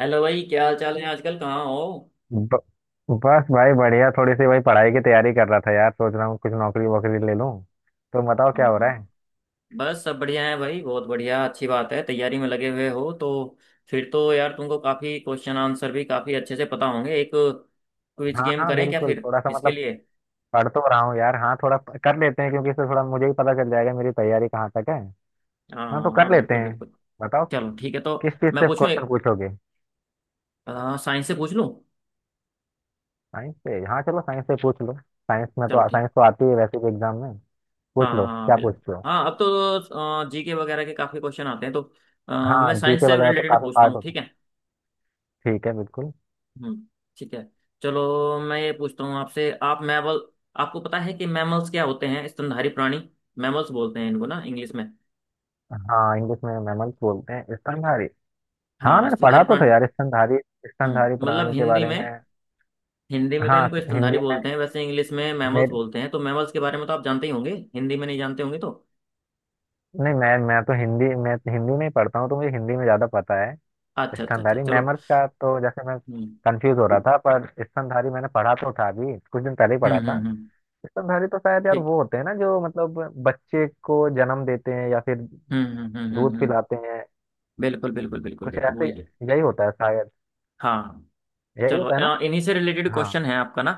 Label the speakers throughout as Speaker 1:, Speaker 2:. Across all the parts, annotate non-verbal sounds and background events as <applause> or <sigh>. Speaker 1: Hello भाई, क्या हाल चाल है? आजकल कहाँ हो?
Speaker 2: ब, बस भाई बढ़िया थोड़ी सी भाई पढ़ाई की तैयारी कर रहा था यार। सोच रहा हूँ कुछ नौकरी वोकरी ले लूँ। तो बताओ
Speaker 1: हाँ
Speaker 2: क्या हो रहा
Speaker 1: हाँ,
Speaker 2: है।
Speaker 1: बस सब बढ़िया है भाई। बहुत बढ़िया, अच्छी बात है, तैयारी में लगे हुए हो तो। फिर तो यार तुमको काफी क्वेश्चन आंसर भी काफी अच्छे से पता होंगे। एक क्विज
Speaker 2: हाँ
Speaker 1: गेम
Speaker 2: हाँ
Speaker 1: करें क्या
Speaker 2: बिल्कुल
Speaker 1: फिर,
Speaker 2: थोड़ा सा
Speaker 1: इसके
Speaker 2: मतलब
Speaker 1: लिए?
Speaker 2: पढ़ तो रहा हूँ यार। हाँ थोड़ा कर लेते हैं क्योंकि इससे थोड़ा मुझे ही पता चल जाएगा मेरी तैयारी कहाँ तक है।
Speaker 1: हाँ
Speaker 2: हाँ तो
Speaker 1: हाँ
Speaker 2: कर
Speaker 1: हाँ,
Speaker 2: लेते
Speaker 1: बिल्कुल
Speaker 2: हैं।
Speaker 1: बिल्कुल।
Speaker 2: बताओ
Speaker 1: चलो ठीक है तो।
Speaker 2: किस चीज़
Speaker 1: मैं
Speaker 2: से
Speaker 1: पूछूं
Speaker 2: क्वेश्चन
Speaker 1: एक
Speaker 2: पूछोगे।
Speaker 1: साइंस से पूछ लूं।
Speaker 2: साइंस से हाँ चलो साइंस से पूछ लो। साइंस में
Speaker 1: चलो
Speaker 2: तो
Speaker 1: ठीक।
Speaker 2: साइंस तो आती है वैसे भी एग्जाम में।
Speaker 1: हाँ
Speaker 2: पूछ
Speaker 1: हाँ
Speaker 2: लो
Speaker 1: हाँ,
Speaker 2: क्या
Speaker 1: बिल्कुल
Speaker 2: पूछते हो।
Speaker 1: हाँ। अब तो जीके वगैरह के काफी क्वेश्चन आते हैं तो
Speaker 2: हाँ
Speaker 1: मैं साइंस
Speaker 2: जीके
Speaker 1: से
Speaker 2: वगैरह तो
Speaker 1: रिलेटेड
Speaker 2: काफी
Speaker 1: पूछता
Speaker 2: पार्ट
Speaker 1: हूँ,
Speaker 2: होता
Speaker 1: ठीक
Speaker 2: है।
Speaker 1: है।
Speaker 2: ठीक है बिल्कुल।
Speaker 1: हम्म, ठीक है। चलो, मैं ये पूछता हूँ आपसे। आप मैमल, आपको पता है कि मैमल्स क्या होते हैं? स्तनधारी प्राणी। मैमल्स बोलते हैं इनको ना इंग्लिश में।
Speaker 2: हाँ इंग्लिश में मैमल्स बोलते हैं स्तनधारी। हाँ
Speaker 1: हाँ,
Speaker 2: मैंने पढ़ा
Speaker 1: स्तनधारी
Speaker 2: तो था
Speaker 1: प्राणी।
Speaker 2: यार स्तनधारी, स्तनधारी
Speaker 1: हम्म, मतलब
Speaker 2: प्राणी के
Speaker 1: हिंदी
Speaker 2: बारे
Speaker 1: में।
Speaker 2: में।
Speaker 1: हिंदी में तो
Speaker 2: हाँ
Speaker 1: इनको स्तनधारी
Speaker 2: हिंदी
Speaker 1: बोलते हैं, वैसे इंग्लिश में
Speaker 2: में
Speaker 1: मैमल्स
Speaker 2: मेरे
Speaker 1: बोलते हैं। तो मैमल्स के बारे में तो आप जानते ही होंगे, हिंदी में नहीं जानते होंगे तो।
Speaker 2: नहीं मैं तो हिंदी में ही पढ़ता हूँ तो मुझे हिंदी में ज़्यादा पता है।
Speaker 1: अच्छा अच्छा अच्छा,
Speaker 2: स्तनधारी
Speaker 1: चलो।
Speaker 2: मैमल्स का तो जैसे मैं
Speaker 1: हम्म
Speaker 2: कंफ्यूज हो रहा था पर स्तनधारी मैंने पढ़ा तो था अभी कुछ दिन पहले ही
Speaker 1: हम्म
Speaker 2: पढ़ा था।
Speaker 1: हम्म हम्म,
Speaker 2: स्तनधारी तो शायद यार
Speaker 1: ठीक।
Speaker 2: वो होते हैं ना जो मतलब बच्चे को जन्म देते हैं या फिर
Speaker 1: हम्म हम्म हम्म हम्म
Speaker 2: दूध
Speaker 1: हम्म,
Speaker 2: पिलाते हैं।
Speaker 1: बिल्कुल बिल्कुल बिल्कुल
Speaker 2: कुछ
Speaker 1: बिल्कुल
Speaker 2: ऐसे
Speaker 1: वही है।
Speaker 2: यही होता है शायद।
Speaker 1: हाँ।
Speaker 2: यही
Speaker 1: चलो,
Speaker 2: होता है ना।
Speaker 1: इन्हीं से रिलेटेड
Speaker 2: हाँ
Speaker 1: क्वेश्चन है आपका ना।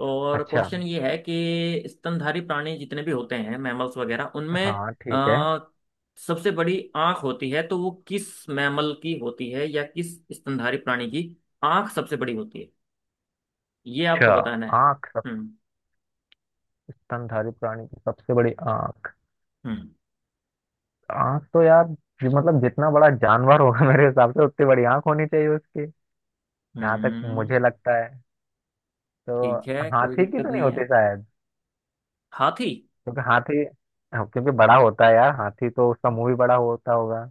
Speaker 1: और
Speaker 2: अच्छा।
Speaker 1: क्वेश्चन ये है कि स्तनधारी प्राणी जितने भी होते हैं, मैमल्स वगैरह, उनमें
Speaker 2: हाँ ठीक है।
Speaker 1: आ, सबसे बड़ी आंख होती है तो वो किस मैमल की होती है या किस स्तनधारी प्राणी की आंख सबसे बड़ी होती है, ये आपको
Speaker 2: अच्छा
Speaker 1: बताना है।
Speaker 2: आँख,
Speaker 1: हम्म
Speaker 2: स्तनधारी प्राणी की सबसे बड़ी आंख।
Speaker 1: हम्म
Speaker 2: आंख तो यार मतलब जितना बड़ा जानवर होगा <laughs> मेरे हिसाब से उतनी बड़ी आंख होनी चाहिए उसकी, जहां तक
Speaker 1: हम्म।
Speaker 2: मुझे लगता है। तो
Speaker 1: ठीक है, कोई
Speaker 2: हाथी की
Speaker 1: दिक्कत
Speaker 2: तो नहीं
Speaker 1: नहीं
Speaker 2: होती
Speaker 1: है।
Speaker 2: शायद,
Speaker 1: हाथी।
Speaker 2: क्योंकि हाथी हाँ, क्योंकि बड़ा होता है यार हाथी तो उसका मुंह भी बड़ा होता होगा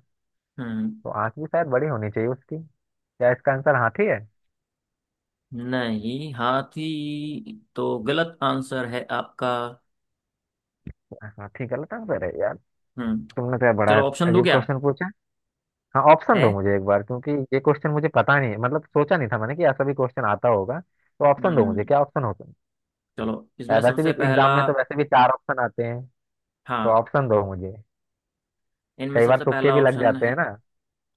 Speaker 1: हम्म।
Speaker 2: तो आंख भी शायद बड़ी होनी चाहिए उसकी। क्या इसका आंसर हाथी है।
Speaker 1: नहीं, हाथी तो गलत आंसर है आपका।
Speaker 2: हाथी गलत आंसर है यार।
Speaker 1: हम्म।
Speaker 2: तुमने तो यार बड़ा
Speaker 1: चलो, ऑप्शन दूं
Speaker 2: अजीब
Speaker 1: क्या?
Speaker 2: क्वेश्चन पूछा। हाँ ऑप्शन दो
Speaker 1: है।
Speaker 2: मुझे एक बार क्योंकि ये क्वेश्चन मुझे पता नहीं है, मतलब सोचा नहीं था मैंने कि ऐसा भी क्वेश्चन आता होगा। तो ऑप्शन दो
Speaker 1: हम्म।
Speaker 2: मुझे क्या ऑप्शन होगा।
Speaker 1: चलो। इसमें
Speaker 2: यार वैसे भी
Speaker 1: सबसे पहला।
Speaker 2: एग्जाम में तो वैसे भी चार ऑप्शन आते हैं तो
Speaker 1: हाँ,
Speaker 2: ऑप्शन दो मुझे।
Speaker 1: इनमें
Speaker 2: कई बार
Speaker 1: सबसे
Speaker 2: तुक्के
Speaker 1: पहला
Speaker 2: भी लग
Speaker 1: ऑप्शन
Speaker 2: जाते
Speaker 1: है।
Speaker 2: हैं ना।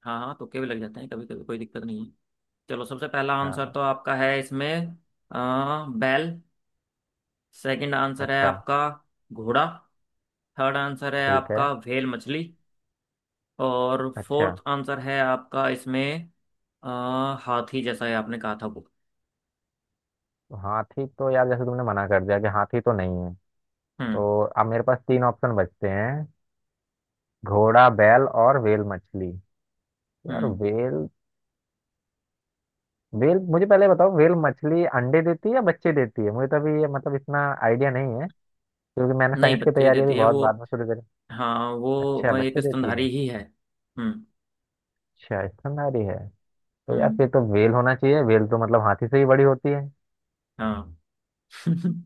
Speaker 1: हाँ हाँ, तुक्के भी लग जाते हैं कभी कभी, कोई दिक्कत नहीं है। चलो, सबसे पहला आंसर
Speaker 2: हाँ
Speaker 1: तो आपका है इसमें बैल। सेकंड आंसर है
Speaker 2: अच्छा।
Speaker 1: आपका घोड़ा। थर्ड आंसर है
Speaker 2: ठीक है।
Speaker 1: आपका व्हेल मछली। और फोर्थ
Speaker 2: अच्छा
Speaker 1: आंसर है आपका इसमें अ, हाथी, जैसा है आपने कहा था वो।
Speaker 2: तो हाथी तो यार जैसे तुमने मना कर दिया कि हाथी तो नहीं है,
Speaker 1: हम्म
Speaker 2: तो अब मेरे पास तीन ऑप्शन बचते हैं, घोड़ा बैल और व्हेल मछली। यार
Speaker 1: हम्म।
Speaker 2: व्हेल व्हेल मुझे पहले बताओ व्हेल मछली अंडे देती है या बच्चे देती है, मुझे तो अभी ये मतलब इतना आइडिया नहीं है क्योंकि मैंने
Speaker 1: नहीं,
Speaker 2: साइंस की
Speaker 1: बच्चे
Speaker 2: तैयारी अभी
Speaker 1: देती है
Speaker 2: बहुत
Speaker 1: वो।
Speaker 2: बाद में शुरू करी।
Speaker 1: हाँ,
Speaker 2: अच्छा
Speaker 1: वो एक
Speaker 2: बच्चे देती
Speaker 1: स्तनधारी
Speaker 2: है।
Speaker 1: ही है। हम्म
Speaker 2: अच्छा स्तनधारी है। तो यार
Speaker 1: हम्म।
Speaker 2: फिर तो वेल होना चाहिए, वेल तो मतलब हाथी से ही बड़ी होती है।
Speaker 1: हाँ।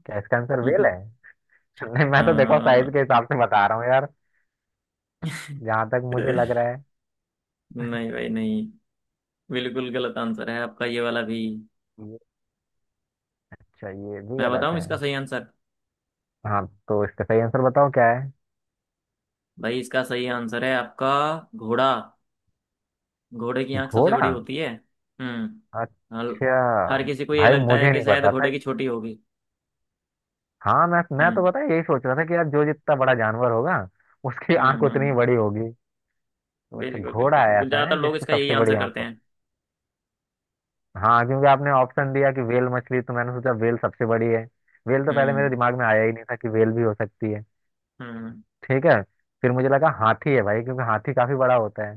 Speaker 2: क्या इसका आंसर वेल है। <laughs> नहीं
Speaker 1: <laughs>
Speaker 2: मैं
Speaker 1: अ,
Speaker 2: तो देखो साइज के हिसाब से बता रहा हूँ यार, जहां तक मुझे लग रहा है।
Speaker 1: नहीं भाई नहीं, बिल्कुल गलत आंसर है आपका ये वाला भी।
Speaker 2: ये- अच्छा ये भी
Speaker 1: मैं
Speaker 2: गलत
Speaker 1: बताऊं
Speaker 2: है।
Speaker 1: इसका सही आंसर?
Speaker 2: हाँ तो इसका सही आंसर बताओ क्या है।
Speaker 1: भाई, इसका सही आंसर है आपका घोड़ा। घोड़े की आंख सबसे बड़ी
Speaker 2: घोड़ा
Speaker 1: होती है। हम्म। हल-
Speaker 2: अच्छा,
Speaker 1: हर किसी को ये
Speaker 2: भाई
Speaker 1: लगता है
Speaker 2: मुझे
Speaker 1: कि
Speaker 2: नहीं
Speaker 1: शायद
Speaker 2: पता था।
Speaker 1: घोड़े की छोटी होगी।
Speaker 2: हाँ मैं तो
Speaker 1: हम्म
Speaker 2: पता है यही सोच रहा था कि यार जो जितना बड़ा जानवर होगा उसकी आंख उतनी ही
Speaker 1: हम्म।
Speaker 2: बड़ी होगी। तो अच्छा
Speaker 1: बिल्कुल
Speaker 2: घोड़ा
Speaker 1: बिल्कुल बिल्कुल,
Speaker 2: ऐसा
Speaker 1: ज्यादातर
Speaker 2: है
Speaker 1: लोग
Speaker 2: जिसकी
Speaker 1: इसका यही
Speaker 2: सबसे बड़ी
Speaker 1: आंसर
Speaker 2: आंख।
Speaker 1: करते हैं।
Speaker 2: हाँ क्योंकि आपने ऑप्शन दिया कि वेल मछली तो मैंने सोचा वेल सबसे बड़ी है। वेल तो पहले मेरे
Speaker 1: हम्म
Speaker 2: दिमाग में आया ही नहीं था कि वेल भी हो सकती है।
Speaker 1: हम्म।
Speaker 2: ठीक है। फिर मुझे लगा हाथी है भाई क्योंकि हाथी काफी बड़ा होता है,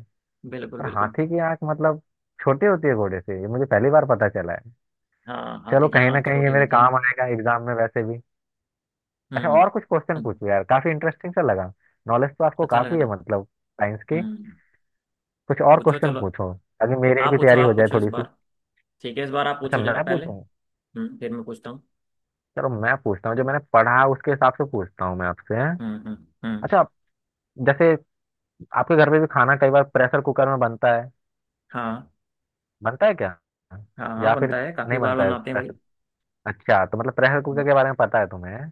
Speaker 1: बिल्कुल
Speaker 2: पर
Speaker 1: बिल्कुल।
Speaker 2: हाथी की आंख मतलब छोटी होती है घोड़े से, ये मुझे पहली बार पता चला है।
Speaker 1: हाँ,
Speaker 2: चलो
Speaker 1: हाथी की
Speaker 2: कहीं ना
Speaker 1: आंख
Speaker 2: कहीं ये
Speaker 1: छोटी
Speaker 2: मेरे
Speaker 1: होती है।
Speaker 2: काम आएगा एग्जाम में वैसे भी। अच्छा और
Speaker 1: हम्म।
Speaker 2: कुछ
Speaker 1: अ-
Speaker 2: क्वेश्चन पूछो यार, काफी इंटरेस्टिंग सा लगा। नॉलेज तो आपको
Speaker 1: अच्छा लगा
Speaker 2: काफी है
Speaker 1: ना।
Speaker 2: मतलब साइंस की।
Speaker 1: हम्म।
Speaker 2: कुछ और
Speaker 1: पूछो,
Speaker 2: क्वेश्चन
Speaker 1: चलो।
Speaker 2: पूछो ताकि मेरी
Speaker 1: आप
Speaker 2: भी
Speaker 1: पूछो,
Speaker 2: तैयारी हो
Speaker 1: आप
Speaker 2: जाए
Speaker 1: पूछो इस
Speaker 2: थोड़ी सी।
Speaker 1: बार। ठीक है, इस बार आप
Speaker 2: अच्छा
Speaker 1: पूछो जरा
Speaker 2: मैं
Speaker 1: पहले।
Speaker 2: पूछूं।
Speaker 1: फिर मैं पूछता हूँ।
Speaker 2: चलो मैं पूछता हूँ, जो मैंने पढ़ा उसके हिसाब से पूछता हूँ मैं आपसे।
Speaker 1: हम्म।
Speaker 2: अच्छा आप- जैसे आपके घर पे भी खाना कई बार प्रेशर कुकर में बनता है।
Speaker 1: हाँ।
Speaker 2: बनता है क्या,
Speaker 1: हाँ हाँ,
Speaker 2: या फिर
Speaker 1: बनता है,
Speaker 2: नहीं
Speaker 1: काफी बार
Speaker 2: बनता है
Speaker 1: बनाते हैं भाई।
Speaker 2: प्रेशर। अच्छा तो मतलब प्रेशर कुकर
Speaker 1: हम्म,
Speaker 2: के बारे में पता है तुम्हें।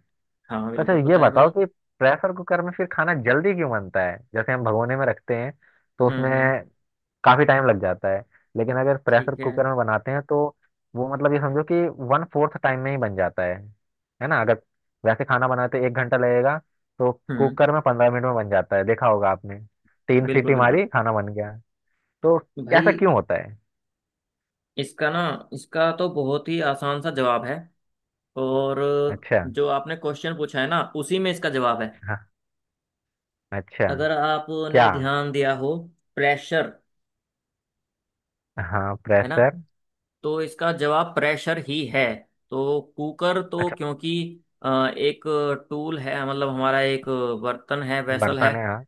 Speaker 1: हाँ
Speaker 2: तो अच्छा
Speaker 1: बिल्कुल
Speaker 2: ये
Speaker 1: पता है
Speaker 2: बताओ
Speaker 1: भाई।
Speaker 2: कि प्रेशर कुकर में फिर खाना जल्दी क्यों बनता है। जैसे हम भगोने में रखते हैं तो उसमें
Speaker 1: हम्म।
Speaker 2: काफी टाइम लग जाता है, लेकिन अगर प्रेशर
Speaker 1: ठीक है।
Speaker 2: कुकर में बनाते हैं तो वो मतलब ये समझो कि 1/4 टाइम में ही बन जाता है। है ना, अगर वैसे खाना बनाते 1 घंटा लगेगा तो
Speaker 1: हम्म।
Speaker 2: कुकर में 15 मिनट में बन जाता है, देखा होगा आपने। तीन
Speaker 1: बिल्कुल
Speaker 2: सीटी
Speaker 1: बिल्कुल।
Speaker 2: मारी खाना बन गया। तो ऐसा
Speaker 1: भाई,
Speaker 2: क्यों होता है।
Speaker 1: इसका ना, इसका तो बहुत ही आसान सा जवाब है। और
Speaker 2: अच्छा।
Speaker 1: जो आपने क्वेश्चन पूछा है ना, उसी में इसका जवाब है।
Speaker 2: हाँ अच्छा।
Speaker 1: अगर
Speaker 2: क्या
Speaker 1: आपने ध्यान दिया हो, प्रेशर,
Speaker 2: हाँ
Speaker 1: है ना,
Speaker 2: प्रेशर।
Speaker 1: तो इसका जवाब प्रेशर ही है। तो कुकर तो
Speaker 2: अच्छा
Speaker 1: क्योंकि अ, एक टूल है, मतलब हमारा एक बर्तन है, वेसल है
Speaker 2: बर्तन है हाँ।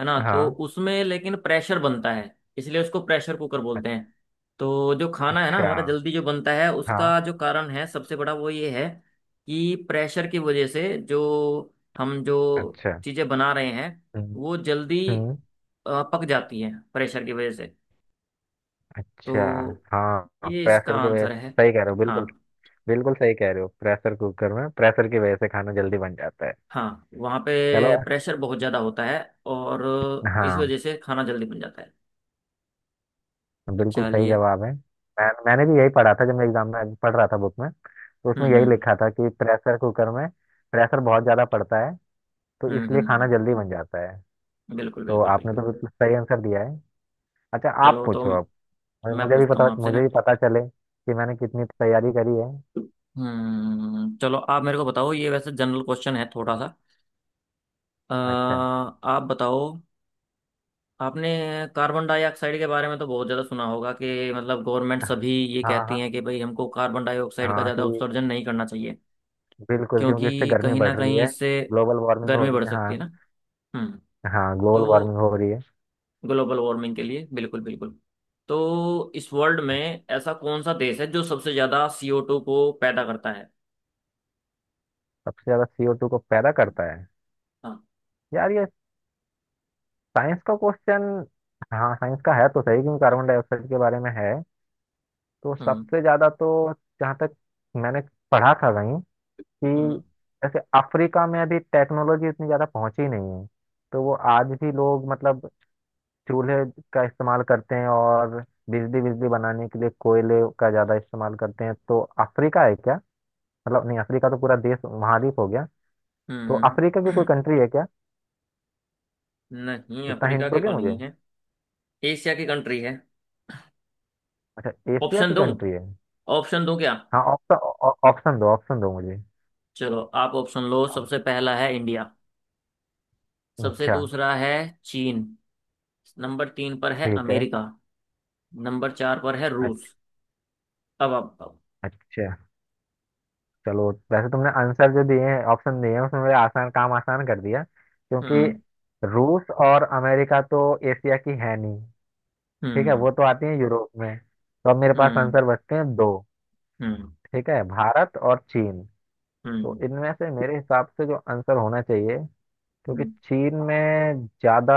Speaker 1: है ना, तो
Speaker 2: हाँ
Speaker 1: उसमें लेकिन प्रेशर बनता है, इसलिए उसको प्रेशर कुकर
Speaker 2: अ-
Speaker 1: बोलते हैं। तो जो खाना है ना
Speaker 2: अच्छा।
Speaker 1: हमारा जल्दी जो बनता है,
Speaker 2: हाँ
Speaker 1: उसका जो कारण है सबसे बड़ा, वो ये है कि प्रेशर की वजह से जो हम जो
Speaker 2: अच्छा।
Speaker 1: चीज़ें बना रहे हैं,
Speaker 2: हम्म
Speaker 1: वो जल्दी
Speaker 2: हम्म,
Speaker 1: पक जाती हैं प्रेशर की वजह से।
Speaker 2: अच्छा।
Speaker 1: तो
Speaker 2: हाँ
Speaker 1: ये इसका
Speaker 2: प्रेशर की वजह
Speaker 1: आंसर
Speaker 2: से
Speaker 1: है।
Speaker 2: सही कह रहे हो
Speaker 1: हाँ,
Speaker 2: बिल्कुल। बिल्कुल सही कह रहे हो, प्रेशर कुकर में प्रेशर की वजह से खाना जल्दी बन जाता है।
Speaker 1: हाँ वहाँ पे
Speaker 2: चलो
Speaker 1: प्रेशर बहुत ज़्यादा होता है और इस
Speaker 2: हाँ
Speaker 1: वजह से खाना जल्दी बन जाता है।
Speaker 2: बिल्कुल सही
Speaker 1: चलिए।
Speaker 2: जवाब है। मैंने भी यही पढ़ा था जब मैं एग्जाम में पढ़ रहा था, बुक में तो
Speaker 1: हम्म
Speaker 2: उसमें यही
Speaker 1: हम्म
Speaker 2: लिखा था कि प्रेशर कुकर में प्रेशर बहुत ज़्यादा पड़ता है तो
Speaker 1: हम्म हम्म
Speaker 2: इसलिए खाना
Speaker 1: हम्म,
Speaker 2: जल्दी बन जाता है।
Speaker 1: बिल्कुल
Speaker 2: तो
Speaker 1: बिल्कुल
Speaker 2: आपने तो
Speaker 1: बिल्कुल।
Speaker 2: बिल्कुल सही आंसर दिया है। अच्छा आप
Speaker 1: चलो तो,
Speaker 2: पूछो अब, और
Speaker 1: मैं पूछता हूँ आपसे
Speaker 2: मुझे
Speaker 1: ना।
Speaker 2: भी पता चले कि मैंने कितनी तैयारी करी है।
Speaker 1: हम्म, चलो आप मेरे को बताओ, ये वैसे जनरल क्वेश्चन है थोड़ा सा। अ,
Speaker 2: अच्छा
Speaker 1: आप बताओ। आपने कार्बन डाइऑक्साइड के बारे में तो बहुत ज़्यादा सुना होगा कि मतलब गवर्नमेंट सभी ये
Speaker 2: हाँ
Speaker 1: कहती
Speaker 2: हाँ
Speaker 1: हैं कि भाई हमको कार्बन डाइऑक्साइड का
Speaker 2: हाँ कि
Speaker 1: ज़्यादा उत्सर्जन नहीं करना चाहिए,
Speaker 2: बिल्कुल, क्योंकि इससे
Speaker 1: क्योंकि
Speaker 2: गर्मी
Speaker 1: कहीं ना
Speaker 2: बढ़ रही
Speaker 1: कहीं
Speaker 2: है।
Speaker 1: इससे
Speaker 2: ग्लोबल वार्मिंग हो
Speaker 1: गर्मी
Speaker 2: रही
Speaker 1: बढ़
Speaker 2: है
Speaker 1: सकती
Speaker 2: हाँ।
Speaker 1: है ना। हम्म।
Speaker 2: हाँ ग्लोबल
Speaker 1: तो
Speaker 2: वार्मिंग हो रही है।
Speaker 1: ग्लोबल वार्मिंग के लिए, बिल्कुल बिल्कुल। तो इस वर्ल्ड में ऐसा कौन सा देश है जो सबसे ज्यादा CO2 को पैदा करता है?
Speaker 2: सबसे ज्यादा CO2 को पैदा करता है।
Speaker 1: हाँ।
Speaker 2: यार ये साइंस का क्वेश्चन हाँ साइंस का है तो सही, क्योंकि कार्बन डाइऑक्साइड के बारे में है। तो
Speaker 1: हम्म
Speaker 2: सबसे ज्यादा तो जहाँ तक मैंने पढ़ा था कहीं कि
Speaker 1: हम्म
Speaker 2: जैसे अफ्रीका में अभी टेक्नोलॉजी इतनी ज्यादा पहुंची नहीं है तो वो आज भी लोग मतलब चूल्हे का इस्तेमाल करते हैं, और बिजली बिजली बनाने के लिए कोयले का ज्यादा इस्तेमाल करते हैं। तो अफ्रीका है क्या, मतलब नहीं अफ्रीका तो पूरा देश महाद्वीप हो गया, तो
Speaker 1: हम्म,
Speaker 2: अफ्रीका की कोई
Speaker 1: <clears throat>
Speaker 2: कंट्री है क्या।
Speaker 1: नहीं,
Speaker 2: इतना हिंट
Speaker 1: अफ्रीका की
Speaker 2: दोगे
Speaker 1: तो
Speaker 2: मुझे।
Speaker 1: नहीं है। एशिया की कंट्री है।
Speaker 2: अच्छा एशिया
Speaker 1: ऑप्शन
Speaker 2: की
Speaker 1: दूं?
Speaker 2: कंट्री है।
Speaker 1: ऑप्शन दूं क्या?
Speaker 2: हाँ ऑप्शन ऑप्शन दो मुझे।
Speaker 1: चलो, आप ऑप्शन लो। सबसे पहला है इंडिया। सबसे
Speaker 2: अच्छा।
Speaker 1: दूसरा है चीन। नंबर तीन पर है
Speaker 2: ठीक है।
Speaker 1: अमेरिका। नंबर चार पर है
Speaker 2: अच्छा।
Speaker 1: रूस। अब आप।
Speaker 2: अच्छा चलो वैसे तुमने आंसर जो दिए हैं ऑप्शन दिए हैं उसमें मेरे आसान काम आसान कर दिया, क्योंकि
Speaker 1: हम्म
Speaker 2: रूस और अमेरिका तो एशिया की है नहीं। ठीक है
Speaker 1: हम्म
Speaker 2: वो तो आती है यूरोप में, तो अब मेरे पास
Speaker 1: हम्म
Speaker 2: आंसर बचते हैं दो।
Speaker 1: हम्म
Speaker 2: ठीक है भारत और चीन। तो
Speaker 1: हम्म
Speaker 2: इनमें से मेरे हिसाब से जो आंसर होना चाहिए, क्योंकि
Speaker 1: हम्म,
Speaker 2: चीन में ज्यादा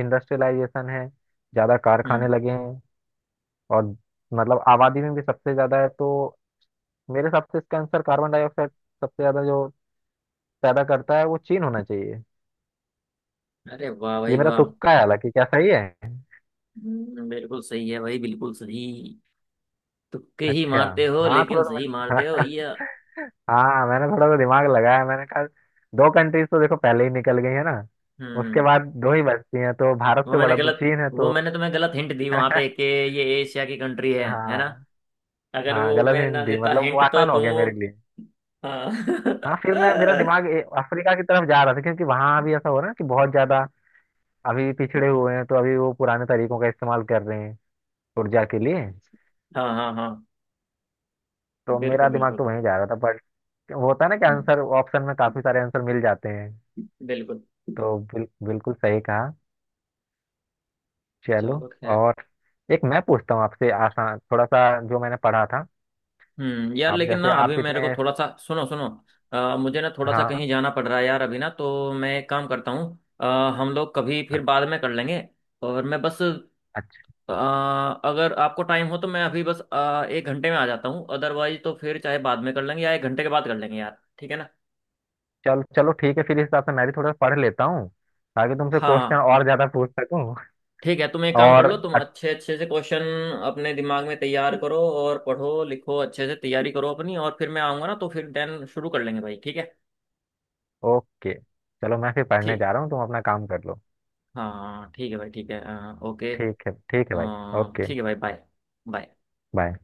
Speaker 2: इंडस्ट्रियलाइजेशन है, ज्यादा कारखाने
Speaker 1: हम्म।
Speaker 2: लगे हैं, और मतलब आबादी में भी सबसे ज्यादा है, तो मेरे हिसाब से इसका आंसर कार्बन डाइऑक्साइड सबसे ज्यादा जो पैदा करता है वो चीन होना चाहिए।
Speaker 1: अरे वाह
Speaker 2: ये
Speaker 1: भाई
Speaker 2: मेरा
Speaker 1: वाह!
Speaker 2: तुक्का है हालांकि, क्या सही है।
Speaker 1: बिल्कुल सही है भाई, बिल्कुल सही। तुक्के ही
Speaker 2: अच्छा
Speaker 1: मारते हो
Speaker 2: हाँ
Speaker 1: लेकिन
Speaker 2: थोड़ा सा
Speaker 1: सही मारते हो
Speaker 2: <laughs>
Speaker 1: भैया।
Speaker 2: हाँ हाँ, मैंने थोड़ा सा दिमाग लगाया। मैंने कहा दो कंट्रीज तो देखो पहले ही निकल गई है ना, उसके
Speaker 1: हम्म।
Speaker 2: बाद दो ही बचती हैं तो भारत
Speaker 1: वो
Speaker 2: से
Speaker 1: मैंने
Speaker 2: बड़ा तो
Speaker 1: गलत,
Speaker 2: चीन है
Speaker 1: वो
Speaker 2: तो।
Speaker 1: मैंने तुम्हें गलत हिंट दी वहां पे कि ये एशिया की कंट्री है ना।
Speaker 2: हाँ
Speaker 1: अगर
Speaker 2: हाँ
Speaker 1: वो
Speaker 2: गलत
Speaker 1: मैं ना
Speaker 2: हिंट दी,
Speaker 1: देता
Speaker 2: मतलब वो
Speaker 1: हिंट तो
Speaker 2: आसान हो गया मेरे
Speaker 1: तुम।
Speaker 2: लिए।
Speaker 1: हाँ <laughs>
Speaker 2: हाँ फिर मैं मेरा दिमाग अफ्रीका की तरफ जा रहा था क्योंकि वहां भी ऐसा हो रहा है कि बहुत ज्यादा अभी पिछड़े हुए हैं तो अभी वो पुराने तरीकों का इस्तेमाल कर रहे हैं ऊर्जा के लिए।
Speaker 1: हाँ हाँ हाँ,
Speaker 2: तो मेरा
Speaker 1: बिल्कुल
Speaker 2: दिमाग
Speaker 1: बिल्कुल
Speaker 2: तो
Speaker 1: बिल्कुल।
Speaker 2: वहीं जा रहा था बट होता है ना कि
Speaker 1: हम्म,
Speaker 2: आंसर ऑप्शन में काफी सारे आंसर मिल जाते हैं।
Speaker 1: बिल्कुल।
Speaker 2: तो बिल्कुल सही कहा। चलो
Speaker 1: चलो खैर।
Speaker 2: और एक मैं पूछता हूँ आपसे, आसान थोड़ा सा, जो मैंने पढ़ा था।
Speaker 1: हम्म, यार
Speaker 2: आप
Speaker 1: लेकिन
Speaker 2: जैसे
Speaker 1: ना
Speaker 2: हाँ
Speaker 1: अभी
Speaker 2: आप
Speaker 1: मेरे
Speaker 2: इतने
Speaker 1: को थोड़ा सा सुनो सुनो मुझे ना थोड़ा सा
Speaker 2: हाँ
Speaker 1: कहीं जाना पड़ रहा है यार अभी ना, तो मैं एक काम करता हूँ अ, हम लोग कभी फिर
Speaker 2: अच्छ-
Speaker 1: बाद में कर लेंगे। और मैं बस
Speaker 2: अच्छा
Speaker 1: अ, अगर आपको टाइम हो तो मैं अभी बस 1 घंटे में आ जाता हूँ, अदरवाइज तो फिर चाहे बाद में कर लेंगे या 1 घंटे के बाद कर लेंगे यार, ठीक है ना?
Speaker 2: चलो चलो ठीक है, फिर इस हिसाब से मैं भी थोड़ा सा पढ़ लेता हूँ ताकि तुमसे क्वेश्चन
Speaker 1: हाँ
Speaker 2: और ज्यादा पूछ सकूँ।
Speaker 1: ठीक है, तुम एक
Speaker 2: <laughs>
Speaker 1: काम कर
Speaker 2: और
Speaker 1: लो, तुम अच्छे अच्छे से क्वेश्चन अपने दिमाग में तैयार करो और पढ़ो लिखो अच्छे से, तैयारी करो अपनी, और फिर मैं आऊँगा ना तो फिर देन शुरू कर लेंगे भाई, ठीक है।
Speaker 2: ओके। चलो मैं फिर पढ़ने
Speaker 1: ठीक।
Speaker 2: जा रहा हूँ, तुम अपना काम कर लो।
Speaker 1: हाँ हाँ, ठीक है भाई, ठीक है। ओके।
Speaker 2: ठीक है भाई। ओके।
Speaker 1: ठीक है भाई, बाय। बाय।
Speaker 2: बाय।